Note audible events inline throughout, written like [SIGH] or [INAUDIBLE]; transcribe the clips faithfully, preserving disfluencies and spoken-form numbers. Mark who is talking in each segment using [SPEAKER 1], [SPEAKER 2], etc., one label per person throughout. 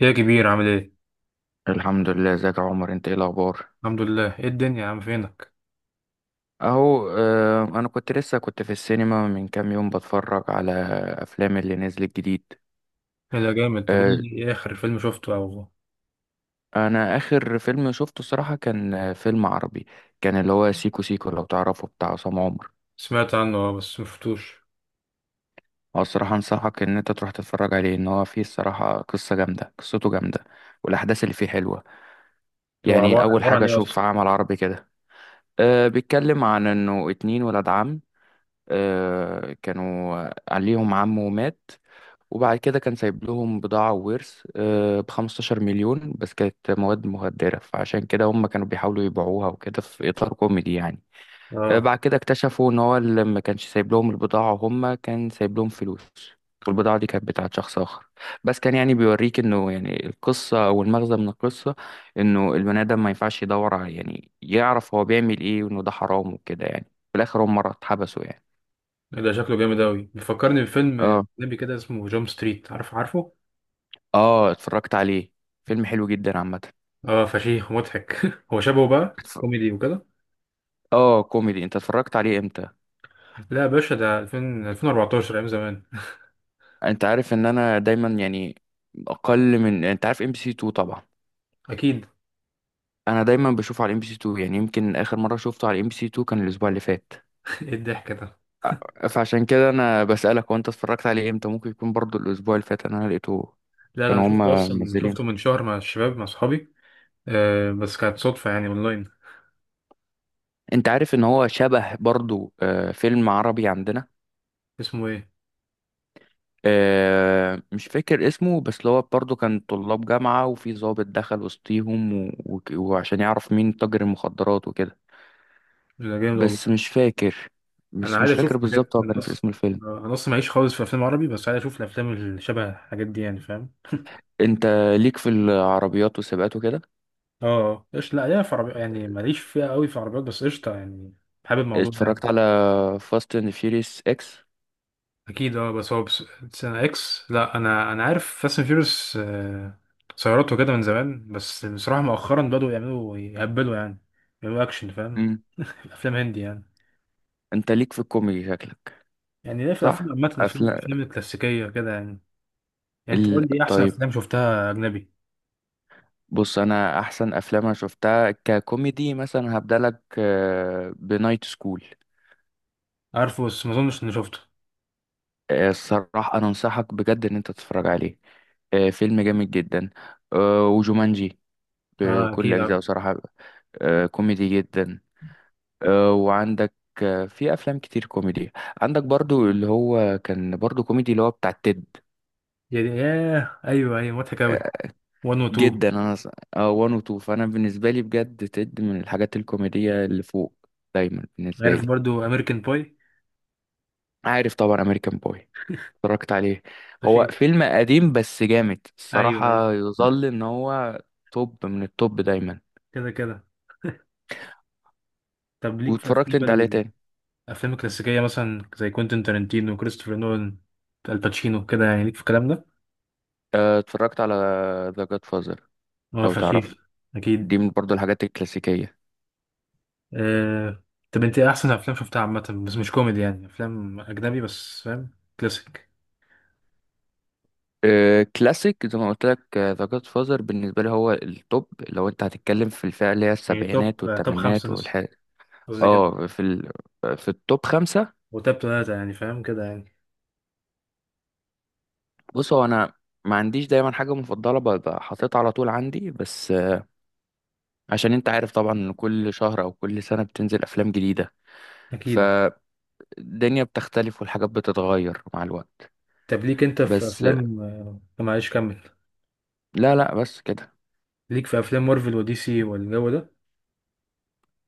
[SPEAKER 1] يا كبير عامل ايه؟
[SPEAKER 2] الحمد لله، ازيك يا عمر؟ انت ايه الاخبار؟
[SPEAKER 1] الحمد لله، ايه الدنيا يا عم، فينك؟
[SPEAKER 2] اهو. آه، انا كنت لسه كنت في السينما من كام يوم بتفرج على افلام اللي نزلت جديد.
[SPEAKER 1] ايه ده جامد، طب قول
[SPEAKER 2] آه،
[SPEAKER 1] لي ايه اخر فيلم شفته او
[SPEAKER 2] انا اخر فيلم شفته الصراحه كان آه، فيلم عربي، كان اللي هو سيكو سيكو لو تعرفه، بتاع عصام عمر.
[SPEAKER 1] سمعت عنه؟ اه بس مشفتوش.
[SPEAKER 2] هو الصراحه انصحك ان انت تروح تتفرج عليه، ان هو فيه الصراحه قصه جامده، قصته جامده، والاحداث اللي فيه حلوه.
[SPEAKER 1] هو
[SPEAKER 2] يعني
[SPEAKER 1] عبا-
[SPEAKER 2] اول
[SPEAKER 1] عبارة
[SPEAKER 2] حاجه
[SPEAKER 1] عن ايه
[SPEAKER 2] اشوف
[SPEAKER 1] اصلا؟
[SPEAKER 2] عمل عربي كده. أه بيتكلم عن انه اتنين ولاد عم، أه كانوا عليهم عمه مات، وبعد كده كان سايب لهم بضاعة وورث ب 15 مليون، بس كانت مواد مخدرة، فعشان كده هم كانوا بيحاولوا يبيعوها وكده في إطار كوميدي يعني. آه،
[SPEAKER 1] اه
[SPEAKER 2] بعد كده اكتشفوا إن هو اللي ما كانش سايب لهم البضاعة، هم كان سايب لهم فلوس، والبضاعة دي كانت بتاعت شخص آخر. بس كان يعني بيوريك إنه، يعني القصة أو المغزى من القصة، إنه البني آدم ما ينفعش يدور على، يعني يعرف هو بيعمل إيه، وإنه ده حرام وكده يعني. في الآخر هم مرة اتحبسوا يعني.
[SPEAKER 1] ايه ده شكله جامد اوي، بيفكرني بفيلم
[SPEAKER 2] اه،
[SPEAKER 1] اجنبي كده اسمه جامب ستريت، عارف؟ عارفه؟
[SPEAKER 2] اه، اتفرجت عليه. فيلم حلو جدا عامة.
[SPEAKER 1] اه فشيخ ومضحك. [LAUGHS] هو شبهه بقى كوميدي وكده.
[SPEAKER 2] اه، كوميدي. انت اتفرجت عليه امتى؟
[SPEAKER 1] لا يا باشا، ده ألفين ألفين وأربعة عشر، ايام زمان.
[SPEAKER 2] انت عارف ان انا دايما يعني اقل من، انت عارف ام بي سي اتنين طبعا.
[SPEAKER 1] اكيد.
[SPEAKER 2] انا دايما بشوف على ام بي سي اتنين، يعني يمكن اخر مره شفته على ام بي سي اتنين كان الاسبوع اللي فات.
[SPEAKER 1] [LAUGHS] ايه الضحك ده؟
[SPEAKER 2] أ- فعشان كده انا بسالك وانت اتفرجت عليه امتى، ممكن يكون برضو الاسبوع اللي فات انا لقيته.
[SPEAKER 1] لا لا، انا
[SPEAKER 2] كانوا
[SPEAKER 1] شفته
[SPEAKER 2] هما
[SPEAKER 1] اصلا،
[SPEAKER 2] منزلين.
[SPEAKER 1] شفته من شهر مع الشباب، مع اصحابي. آه، بس كانت صدفة يعني، اونلاين.
[SPEAKER 2] انت عارف ان هو شبه برضو آه، فيلم عربي عندنا.
[SPEAKER 1] اسمه ايه؟
[SPEAKER 2] آه، مش فاكر اسمه، بس اللي هو برضو كان طلاب جامعه، وفي ضابط دخل وسطيهم و... و... وعشان يعرف مين تاجر المخدرات وكده.
[SPEAKER 1] ده جامد
[SPEAKER 2] بس
[SPEAKER 1] والله.
[SPEAKER 2] مش فاكر.
[SPEAKER 1] انا
[SPEAKER 2] بس
[SPEAKER 1] عايز
[SPEAKER 2] مش
[SPEAKER 1] اشوف
[SPEAKER 2] فاكر
[SPEAKER 1] حاجات،
[SPEAKER 2] بالظبط هو
[SPEAKER 1] انا
[SPEAKER 2] كان في
[SPEAKER 1] اصلا
[SPEAKER 2] اسم الفيلم.
[SPEAKER 1] انا اصلا معيش خالص في افلام عربي، بس عايز اشوف الافلام اللي شبه الحاجات دي يعني، فاهم.
[SPEAKER 2] انت ليك في العربيات والسباقات وكده؟
[SPEAKER 1] اه ايش، لا ليا في عربي، يعني ماليش فيها قوي، في عربيات بس قشطه يعني، حابب الموضوع ده يعني.
[SPEAKER 2] اتفرجت على فاست اند فيوريوس اكس.
[SPEAKER 1] اكيد، اه بس هو بس سنة اكس. لا انا انا عارف فاست اند فيوريوس سيارات وكده من زمان، بس بصراحه مؤخرا بدأوا يعملوا يهبلوا يعني، يعملوا اكشن، فاهم.
[SPEAKER 2] امم.
[SPEAKER 1] [LAUGHS] افلام هندي يعني.
[SPEAKER 2] انت ليك في الكوميدي شكلك.
[SPEAKER 1] يعني ليه، في افلام
[SPEAKER 2] صح.
[SPEAKER 1] عامه، افلام
[SPEAKER 2] افلام
[SPEAKER 1] الافلام الكلاسيكيه كده يعني. يعني انت
[SPEAKER 2] ال...
[SPEAKER 1] قول لي إيه احسن
[SPEAKER 2] طيب،
[SPEAKER 1] افلام شفتها اجنبي؟
[SPEAKER 2] بص انا احسن افلام انا شفتها ككوميدي مثلا هبدأ لك بنايت سكول.
[SPEAKER 1] عارفه بس ما اظنش اني شفته.
[SPEAKER 2] الصراحة انا انصحك بجد ان انت تتفرج عليه. آه، فيلم جامد جدا. آه، وجومانجي
[SPEAKER 1] اه
[SPEAKER 2] بكل
[SPEAKER 1] اكيد عارف،
[SPEAKER 2] اجزائه صراحة. آه، كوميدي جدا. آه، وعندك آه، في افلام كتير كوميدي. عندك برضو اللي هو كان برضو كوميدي اللي هو بتاع تيد.
[SPEAKER 1] يعني ياه، ايوه ايوه مضحك اوي،
[SPEAKER 2] آه،
[SPEAKER 1] واحد و اتنين.
[SPEAKER 2] جدا، انا ص- اه وان وتو، فانا بالنسبه لي بجد تيد من الحاجات الكوميديه اللي فوق دايما بالنسبه
[SPEAKER 1] عارف
[SPEAKER 2] لي.
[SPEAKER 1] برضو امريكان باي؟
[SPEAKER 2] عارف طبعا امريكان بوي، اتفرجت عليه. هو
[SPEAKER 1] فشيخ.
[SPEAKER 2] فيلم قديم بس جامد
[SPEAKER 1] ايوه ايوه،
[SPEAKER 2] الصراحه، يظل ان هو توب من التوب دايما.
[SPEAKER 1] كده كده. [LAUGHS] طب ليك في
[SPEAKER 2] واتفرجت
[SPEAKER 1] افلام
[SPEAKER 2] انت عليه
[SPEAKER 1] ال-
[SPEAKER 2] تاني.
[SPEAKER 1] الافلام الكلاسيكيه، مثلا زي كوينتين تارنتينو وكريستوفر نولان الباتشينو كده يعني، ليك في الكلام ده؟
[SPEAKER 2] آه، اتفرجت على ذا جاد فازر
[SPEAKER 1] اه
[SPEAKER 2] لو
[SPEAKER 1] فشيخ.
[SPEAKER 2] تعرفه.
[SPEAKER 1] اكيد.
[SPEAKER 2] دي من برضو الحاجات الكلاسيكيه.
[SPEAKER 1] آه، طب انت إيه احسن افلام شفتها عامه بس مش كوميدي يعني، افلام اجنبي بس، فاهم؟ كلاسيك.
[SPEAKER 2] آه، كلاسيك زي ما قلت لك، ذا جاد فازر بالنسبه لي هو التوب لو انت هتتكلم في الفئه اللي هي
[SPEAKER 1] يعني توب
[SPEAKER 2] السبعينات
[SPEAKER 1] توب
[SPEAKER 2] والثمانينات
[SPEAKER 1] خمسة مثلا،
[SPEAKER 2] والحاجات.
[SPEAKER 1] قصدي كده،
[SPEAKER 2] اه في ال... في التوب خمسه.
[SPEAKER 1] وتوب ثلاثة يعني فاهم كده يعني.
[SPEAKER 2] بص هو انا ما عنديش دايما حاجه مفضله ببقى حاططها على طول عندي، بس آه، عشان انت عارف طبعا ان كل شهر او كل سنه بتنزل افلام جديده،
[SPEAKER 1] اكيد.
[SPEAKER 2] فالدنيا بتختلف والحاجات بتتغير مع الوقت.
[SPEAKER 1] طب ليك انت في
[SPEAKER 2] بس آه،
[SPEAKER 1] افلام، آه، معلش كمل.
[SPEAKER 2] لا، لا، بس كده.
[SPEAKER 1] ليك في افلام مارفل ودي سي والجو ده؟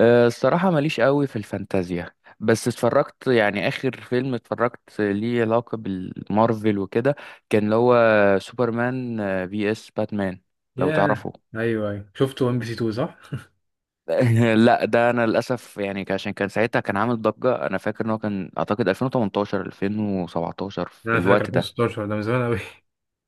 [SPEAKER 2] أه، الصراحة ماليش قوي في الفانتازيا. بس اتفرجت يعني آخر فيلم اتفرجت ليه علاقة بالمارفل وكده، كان اللي هو سوبرمان آه، في اس باتمان لو
[SPEAKER 1] ياه
[SPEAKER 2] تعرفه.
[SPEAKER 1] ايوه ايوه، شفت ون بي سي اتنين صح.
[SPEAKER 2] [LAUGHS] لا ده انا للاسف يعني، ك- عشان كان ساعتها كان عامل ضجة انا فاكر ان هو كان اعتقد ألفين وتمنتاشر ألفين وسبعتاشر في
[SPEAKER 1] انا فاكر
[SPEAKER 2] الوقت ده.
[SPEAKER 1] ألفين وستاشر، ده من زمان قوي.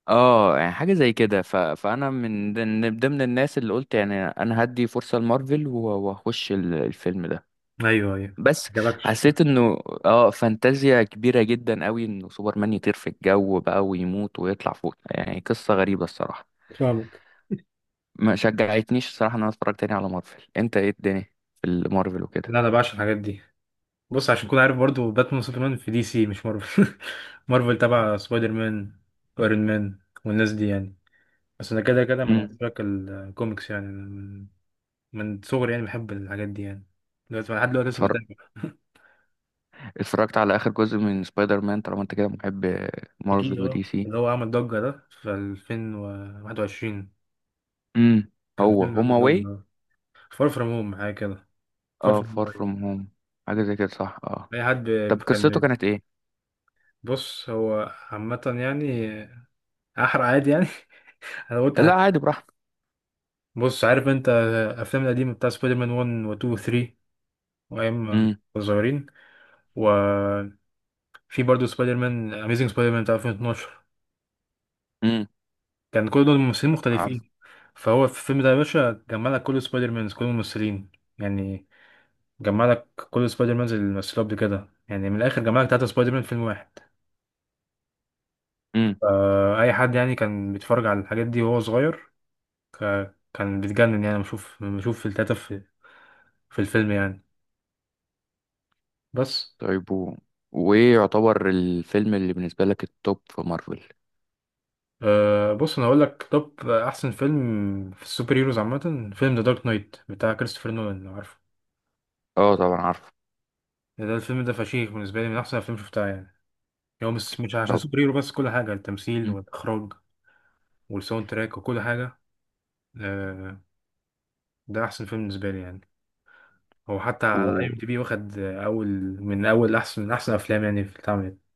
[SPEAKER 2] اه يعني حاجة زي كده. ف... فانا من ضمن ضمن الناس اللي قلت يعني انا هدي فرصة لمارفل و- واخش ال- الفيلم ده،
[SPEAKER 1] [LAUGHS] ايوه ايوه، ما
[SPEAKER 2] بس
[SPEAKER 1] عجبكش.
[SPEAKER 2] حسيت انه اه فانتازيا كبيرة جدا قوي انه سوبرمان يطير في الجو بقى ويموت ويطلع فوق، يعني قصة غريبة الصراحة.
[SPEAKER 1] فاهمك.
[SPEAKER 2] ما شجعتنيش الصراحة ان انا اتفرج تاني على مارفل. انت ايه الدنيا في المارفل وكده؟
[SPEAKER 1] لا انا بعشق الحاجات دي. بص، عشان تكون عارف برضو، باتمان وسوبرمان في دي سي مش مارفل. [LAUGHS] مارفل تبع سبايدر مان وايرون مان والناس دي يعني. بس انا كده كده من
[SPEAKER 2] امم.
[SPEAKER 1] عشاق الكوميكس يعني، أنا من من صغري يعني بحب الحاجات دي يعني، دلوقتي لحد دلوقتي لسه
[SPEAKER 2] اتفرج
[SPEAKER 1] بتابع. [LAUGHS]
[SPEAKER 2] اتفرجت على اخر جزء من سبايدر مان طالما انت كده محب
[SPEAKER 1] اكيد،
[SPEAKER 2] مارفل
[SPEAKER 1] اه
[SPEAKER 2] ودي سي.
[SPEAKER 1] اللي هو عمل ضجة ده في ألفين وواحد وعشرين،
[SPEAKER 2] امم.
[SPEAKER 1] كان
[SPEAKER 2] هو
[SPEAKER 1] فيلم
[SPEAKER 2] هوم
[SPEAKER 1] عامل ضجة
[SPEAKER 2] اواي.
[SPEAKER 1] اه. فار فروم هوم حاجة كده، فار
[SPEAKER 2] اه،
[SPEAKER 1] فروم
[SPEAKER 2] فار
[SPEAKER 1] هوم
[SPEAKER 2] فروم
[SPEAKER 1] أيوة.
[SPEAKER 2] هوم حاجة زي كده، صح، اه.
[SPEAKER 1] اي حد
[SPEAKER 2] طب
[SPEAKER 1] ب- كان
[SPEAKER 2] قصته
[SPEAKER 1] ب-
[SPEAKER 2] كانت ايه؟
[SPEAKER 1] بص هو عامة يعني، احرق عادي يعني. [LAUGHS] انا قلت
[SPEAKER 2] لا
[SPEAKER 1] هت-
[SPEAKER 2] عادي براحتك.
[SPEAKER 1] بص، عارف انت الافلام القديمة بتاع سبايدر مان واحد و اتنين و تلاتة، وايام ما
[SPEAKER 2] امم.
[SPEAKER 1] كنا صغيرين، وفي برضه سبايدر مان اميزنج سبايدر مان بتاع ألفين واتناشر،
[SPEAKER 2] امم.
[SPEAKER 1] كان كل دول ممثلين
[SPEAKER 2] عارف.
[SPEAKER 1] مختلفين. فهو في الفيلم ده يا باشا جمع لك كل سبايدر مانز، كل الممثلين يعني، جمع لك كل سبايدر مان اللي مثلوا قبل كده يعني، من الاخر جمع لك تلاتة سبايدر مان في فيلم واحد. فا اي حد يعني كان بيتفرج على الحاجات دي وهو صغير، ك- كان بيتجنن يعني، بشوف بشوف في التلاتة في في الفيلم يعني. بس
[SPEAKER 2] طيب، و... وايه يعتبر الفيلم اللي بالنسبة لك التوب في مارفل؟
[SPEAKER 1] أه، بص انا هقول لك، طب احسن فيلم في السوبر هيروز عامه فيلم ذا دارك نايت بتاع كريستوفر نولان، لو عارفه.
[SPEAKER 2] اه طبعا عارفه.
[SPEAKER 1] ده ده الفيلم ده فشيخ، بالنسبه لي من احسن الافلام اللي شفتها يعني. هو مش مش عشان
[SPEAKER 2] طب.
[SPEAKER 1] سوبر هيرو، بس كل حاجه، التمثيل
[SPEAKER 2] مم.
[SPEAKER 1] والاخراج والساوند تراك وكل حاجه. أه، ده احسن فيلم بالنسبه لي يعني. هو حتى على اي
[SPEAKER 2] و...
[SPEAKER 1] ام دي بي واخد اول، من اول احسن، من احسن افلام يعني في اتعملت.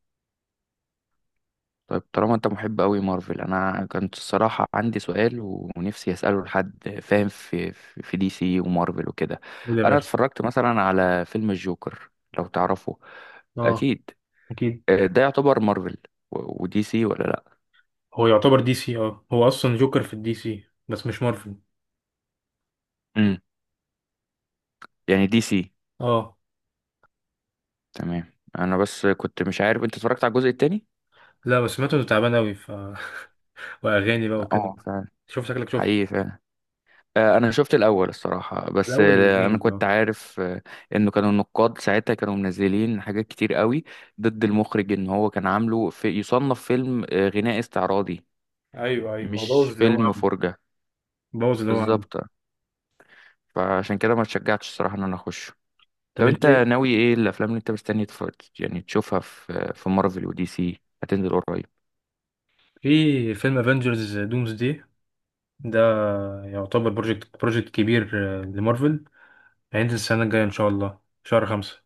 [SPEAKER 2] طيب، طالما انت محب قوي مارفل، انا كنت الصراحة عندي سؤال و- ونفسي اسأله لحد فاهم في في في دي سي ومارفل وكده.
[SPEAKER 1] قول يا
[SPEAKER 2] انا
[SPEAKER 1] باشا.
[SPEAKER 2] اتفرجت مثلا على فيلم الجوكر لو تعرفه.
[SPEAKER 1] اه
[SPEAKER 2] اكيد.
[SPEAKER 1] اكيد.
[SPEAKER 2] آه، ده يعتبر مارفل و... ودي سي، ولا لا؟
[SPEAKER 1] هو يعتبر دي سي، اه هو اصلا جوكر في الدي سي بس مش مارفل.
[SPEAKER 2] امم. يعني دي سي.
[SPEAKER 1] اه.
[SPEAKER 2] تمام. انا بس كنت مش عارف انت اتفرجت على الجزء التاني.
[SPEAKER 1] لا بس سمعته انه تعبان اوي ف [LAUGHS] واغاني بقى وكده،
[SPEAKER 2] اه فعلا.
[SPEAKER 1] شوف شكلك شفته.
[SPEAKER 2] حقيقي فعلا. آه، انا شفت الاول الصراحه، بس
[SPEAKER 1] الاول
[SPEAKER 2] آه، انا
[SPEAKER 1] جامد
[SPEAKER 2] كنت
[SPEAKER 1] اه.
[SPEAKER 2] عارف آه، انه كانوا النقاد ساعتها كانوا منزلين حاجات كتير قوي ضد المخرج، ان هو كان عامله في يصنف فيلم آه، غناء استعراضي
[SPEAKER 1] ايوه ايوه، هو
[SPEAKER 2] مش
[SPEAKER 1] بوظ اللي هو
[SPEAKER 2] فيلم
[SPEAKER 1] عمله،
[SPEAKER 2] فرجه.
[SPEAKER 1] بوظ اللي هو عمله.
[SPEAKER 2] بالظبط، فعشان كده ما اتشجعتش الصراحه ان انا اخش.
[SPEAKER 1] طب
[SPEAKER 2] طب
[SPEAKER 1] انت
[SPEAKER 2] انت
[SPEAKER 1] إيه؟
[SPEAKER 2] ناوي ايه الافلام اللي انت مستني تف... يعني تشوفها في في مارفل ودي سي هتنزل قريب؟
[SPEAKER 1] في فيلم افنجرز دومز دي، ده يعتبر بروجكت بروجكت كبير، آه، لمارفل. هينزل السنه الجايه ان شاء الله شهر خمسة.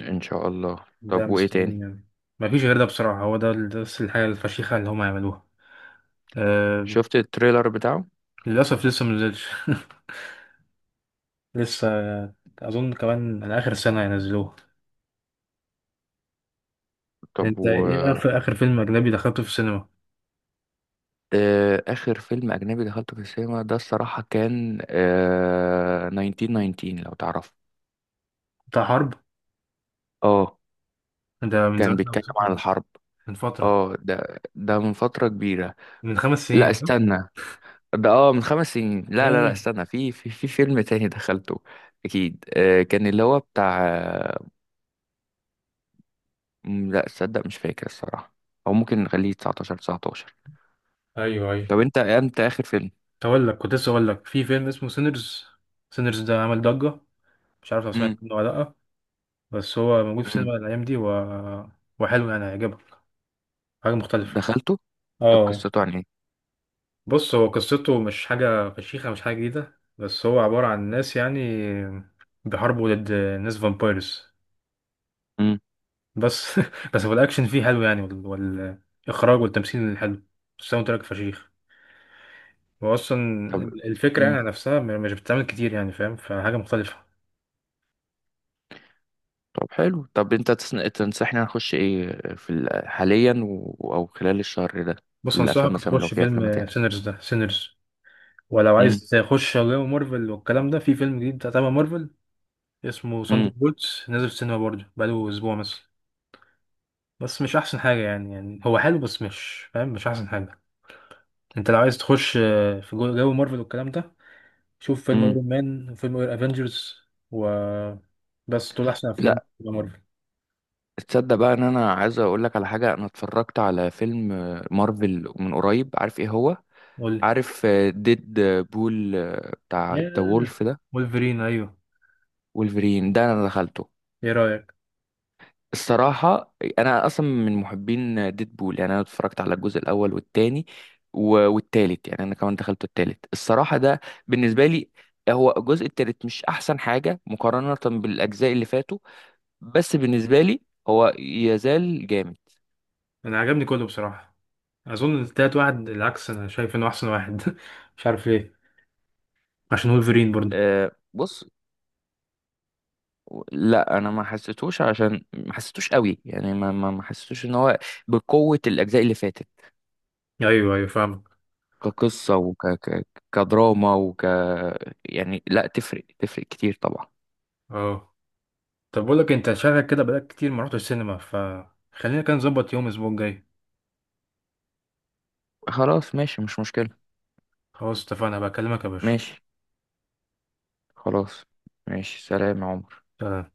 [SPEAKER 2] ان شاء الله. طب
[SPEAKER 1] ده
[SPEAKER 2] وايه
[SPEAKER 1] مستنيين
[SPEAKER 2] تاني؟
[SPEAKER 1] يعني، ما فيش غير ده بصراحة، هو ده ده بس الحاجة الفشيخة اللي هم يعملوها. أه.
[SPEAKER 2] شفت التريلر بتاعه؟
[SPEAKER 1] للأسف لسه منزلش. [LAUGHS] لسه. أظن كمان على آخر سنة ينزلوه.
[SPEAKER 2] طب،
[SPEAKER 1] أنت إيه آخر آخر فيلم أجنبي دخلته في السينما؟
[SPEAKER 2] آه، آخر فيلم أجنبي دخلته في السينما ده الصراحة كان آه تسعتاشر تسعتاشر لو تعرفه.
[SPEAKER 1] بتاع حرب؟
[SPEAKER 2] اه
[SPEAKER 1] ده من
[SPEAKER 2] كان
[SPEAKER 1] زمان
[SPEAKER 2] بيتكلم
[SPEAKER 1] أوي،
[SPEAKER 2] عن الحرب.
[SPEAKER 1] من فترة،
[SPEAKER 2] اه ده ده من فترة كبيرة.
[SPEAKER 1] من خمس
[SPEAKER 2] لا
[SPEAKER 1] سنين صح؟
[SPEAKER 2] استنى، ده اه من خمس سنين. لا، لا، لا،
[SPEAKER 1] ياه
[SPEAKER 2] استنى، في في في فيلم تاني [LAUGHS] دخلته. أكيد آه كان اللي هو بتاع آه، م، لا تصدق مش فاكر الصراحة، أو ممكن نخليه تسعتاشر تسعتاشر.
[SPEAKER 1] أيوه أيوه.
[SPEAKER 2] طب أنت أنت آخر فيلم،
[SPEAKER 1] كنت أقول لك، كنت لسه أقول لك في فيلم اسمه سينرز، سينرز ده عمل ضجة، مش عارف لو سمعت
[SPEAKER 2] مم.
[SPEAKER 1] عنه ولا لأ. بس هو موجود في
[SPEAKER 2] مم.
[SPEAKER 1] السينما الأيام دي، و... وحلو يعني، هيعجبك، حاجة مختلفة.
[SPEAKER 2] دخلته. طب
[SPEAKER 1] اه
[SPEAKER 2] قصته عن إيه؟
[SPEAKER 1] بص، هو قصته مش حاجة فشيخة، مش حاجة جديدة، بس هو عبارة عن ناس يعني بيحاربوا ضد ناس فامبايرز.
[SPEAKER 2] مم.
[SPEAKER 1] بس [LAUGHS] بس هو الأكشن فيه حلو يعني، وال- والإخراج والتمثيل حلو، الساوند تراك فشيخ. هو أصلا
[SPEAKER 2] طب.
[SPEAKER 1] الفكرة يعني نفسها م- مش بتتعمل كتير يعني، فاهم، فحاجة مختلفة.
[SPEAKER 2] طب حلو. طب انت تسن- تنصحني نخش ايه في ال- حاليا و... او خلال الشهر ده،
[SPEAKER 1] بص،
[SPEAKER 2] الافلام
[SPEAKER 1] أنصحك
[SPEAKER 2] مثلا لو
[SPEAKER 1] تخش
[SPEAKER 2] في افلام
[SPEAKER 1] فيلم
[SPEAKER 2] تاني؟
[SPEAKER 1] سينرز ده، سينرز. ولو عايز
[SPEAKER 2] امم.
[SPEAKER 1] تخش جو مارفل والكلام ده، في فيلم جديد تبع مارفل اسمه ساندر
[SPEAKER 2] امم.
[SPEAKER 1] بولتس، نازل في السينما برضه بقاله أسبوع مثلا. بس مش احسن حاجه يعني، يعني هو حلو بس مش فاهم، مش احسن حاجه. انت لو عايز تخش آه، في جو جو مارفل والكلام ده، شوف فيلم
[SPEAKER 2] امم.
[SPEAKER 1] ايرون مان وفيلم افنجرز، و بس دول احسن افلام
[SPEAKER 2] لا
[SPEAKER 1] في مارفل.
[SPEAKER 2] تصدق بقى ان انا عايز اقول لك على حاجه. انا اتفرجت على فيلم آه، مارفل من قريب. عارف ايه هو؟
[SPEAKER 1] قول لي.
[SPEAKER 2] عارف آه، ديد بول آه، بتاع
[SPEAKER 1] يا
[SPEAKER 2] ذا وولف ده،
[SPEAKER 1] وولفرين، ايوه.
[SPEAKER 2] وولفرين، ده انا دخلته.
[SPEAKER 1] ايه رايك؟
[SPEAKER 2] الصراحة أنا أصلا من محبين ديدبول، يعني أنا اتفرجت على الجزء الأول والتاني و- والتالت. يعني أنا كمان دخلت التالت الصراحة، ده بالنسبة لي هو الجزء التالت مش أحسن حاجة مقارنة بالأجزاء اللي فاتوا. بس بالنسبة لي هو يزال جامد.
[SPEAKER 1] انا عجبني كله بصراحه. اظن التالت واحد العكس، انا شايف انه احسن واحد. [LAUGHS] مش عارف ليه، عشان وولفرين برضو.
[SPEAKER 2] أه بص، لا أنا ما حسيتوش، عشان ما حسيتوش قوي يعني، ما ما ما حسيتوش إن هو بقوة الأجزاء اللي فاتت
[SPEAKER 1] ايوه ايوه فاهمك.
[SPEAKER 2] كقصة وك ك- كدراما وك يعني لا تفرق تفرق كتير طبعا.
[SPEAKER 1] اه. طب بقول لك، انت شغلك كده بقالك كتير ما رحتش السينما، فخلينا كده نظبط يوم الاسبوع الجاي.
[SPEAKER 2] خلاص ماشي مش مشكلة.
[SPEAKER 1] خلاص اتفقنا، بكلمك يا باشا.
[SPEAKER 2] ماشي. خلاص. ماشي، سلام يا عمر.
[SPEAKER 1] سلام.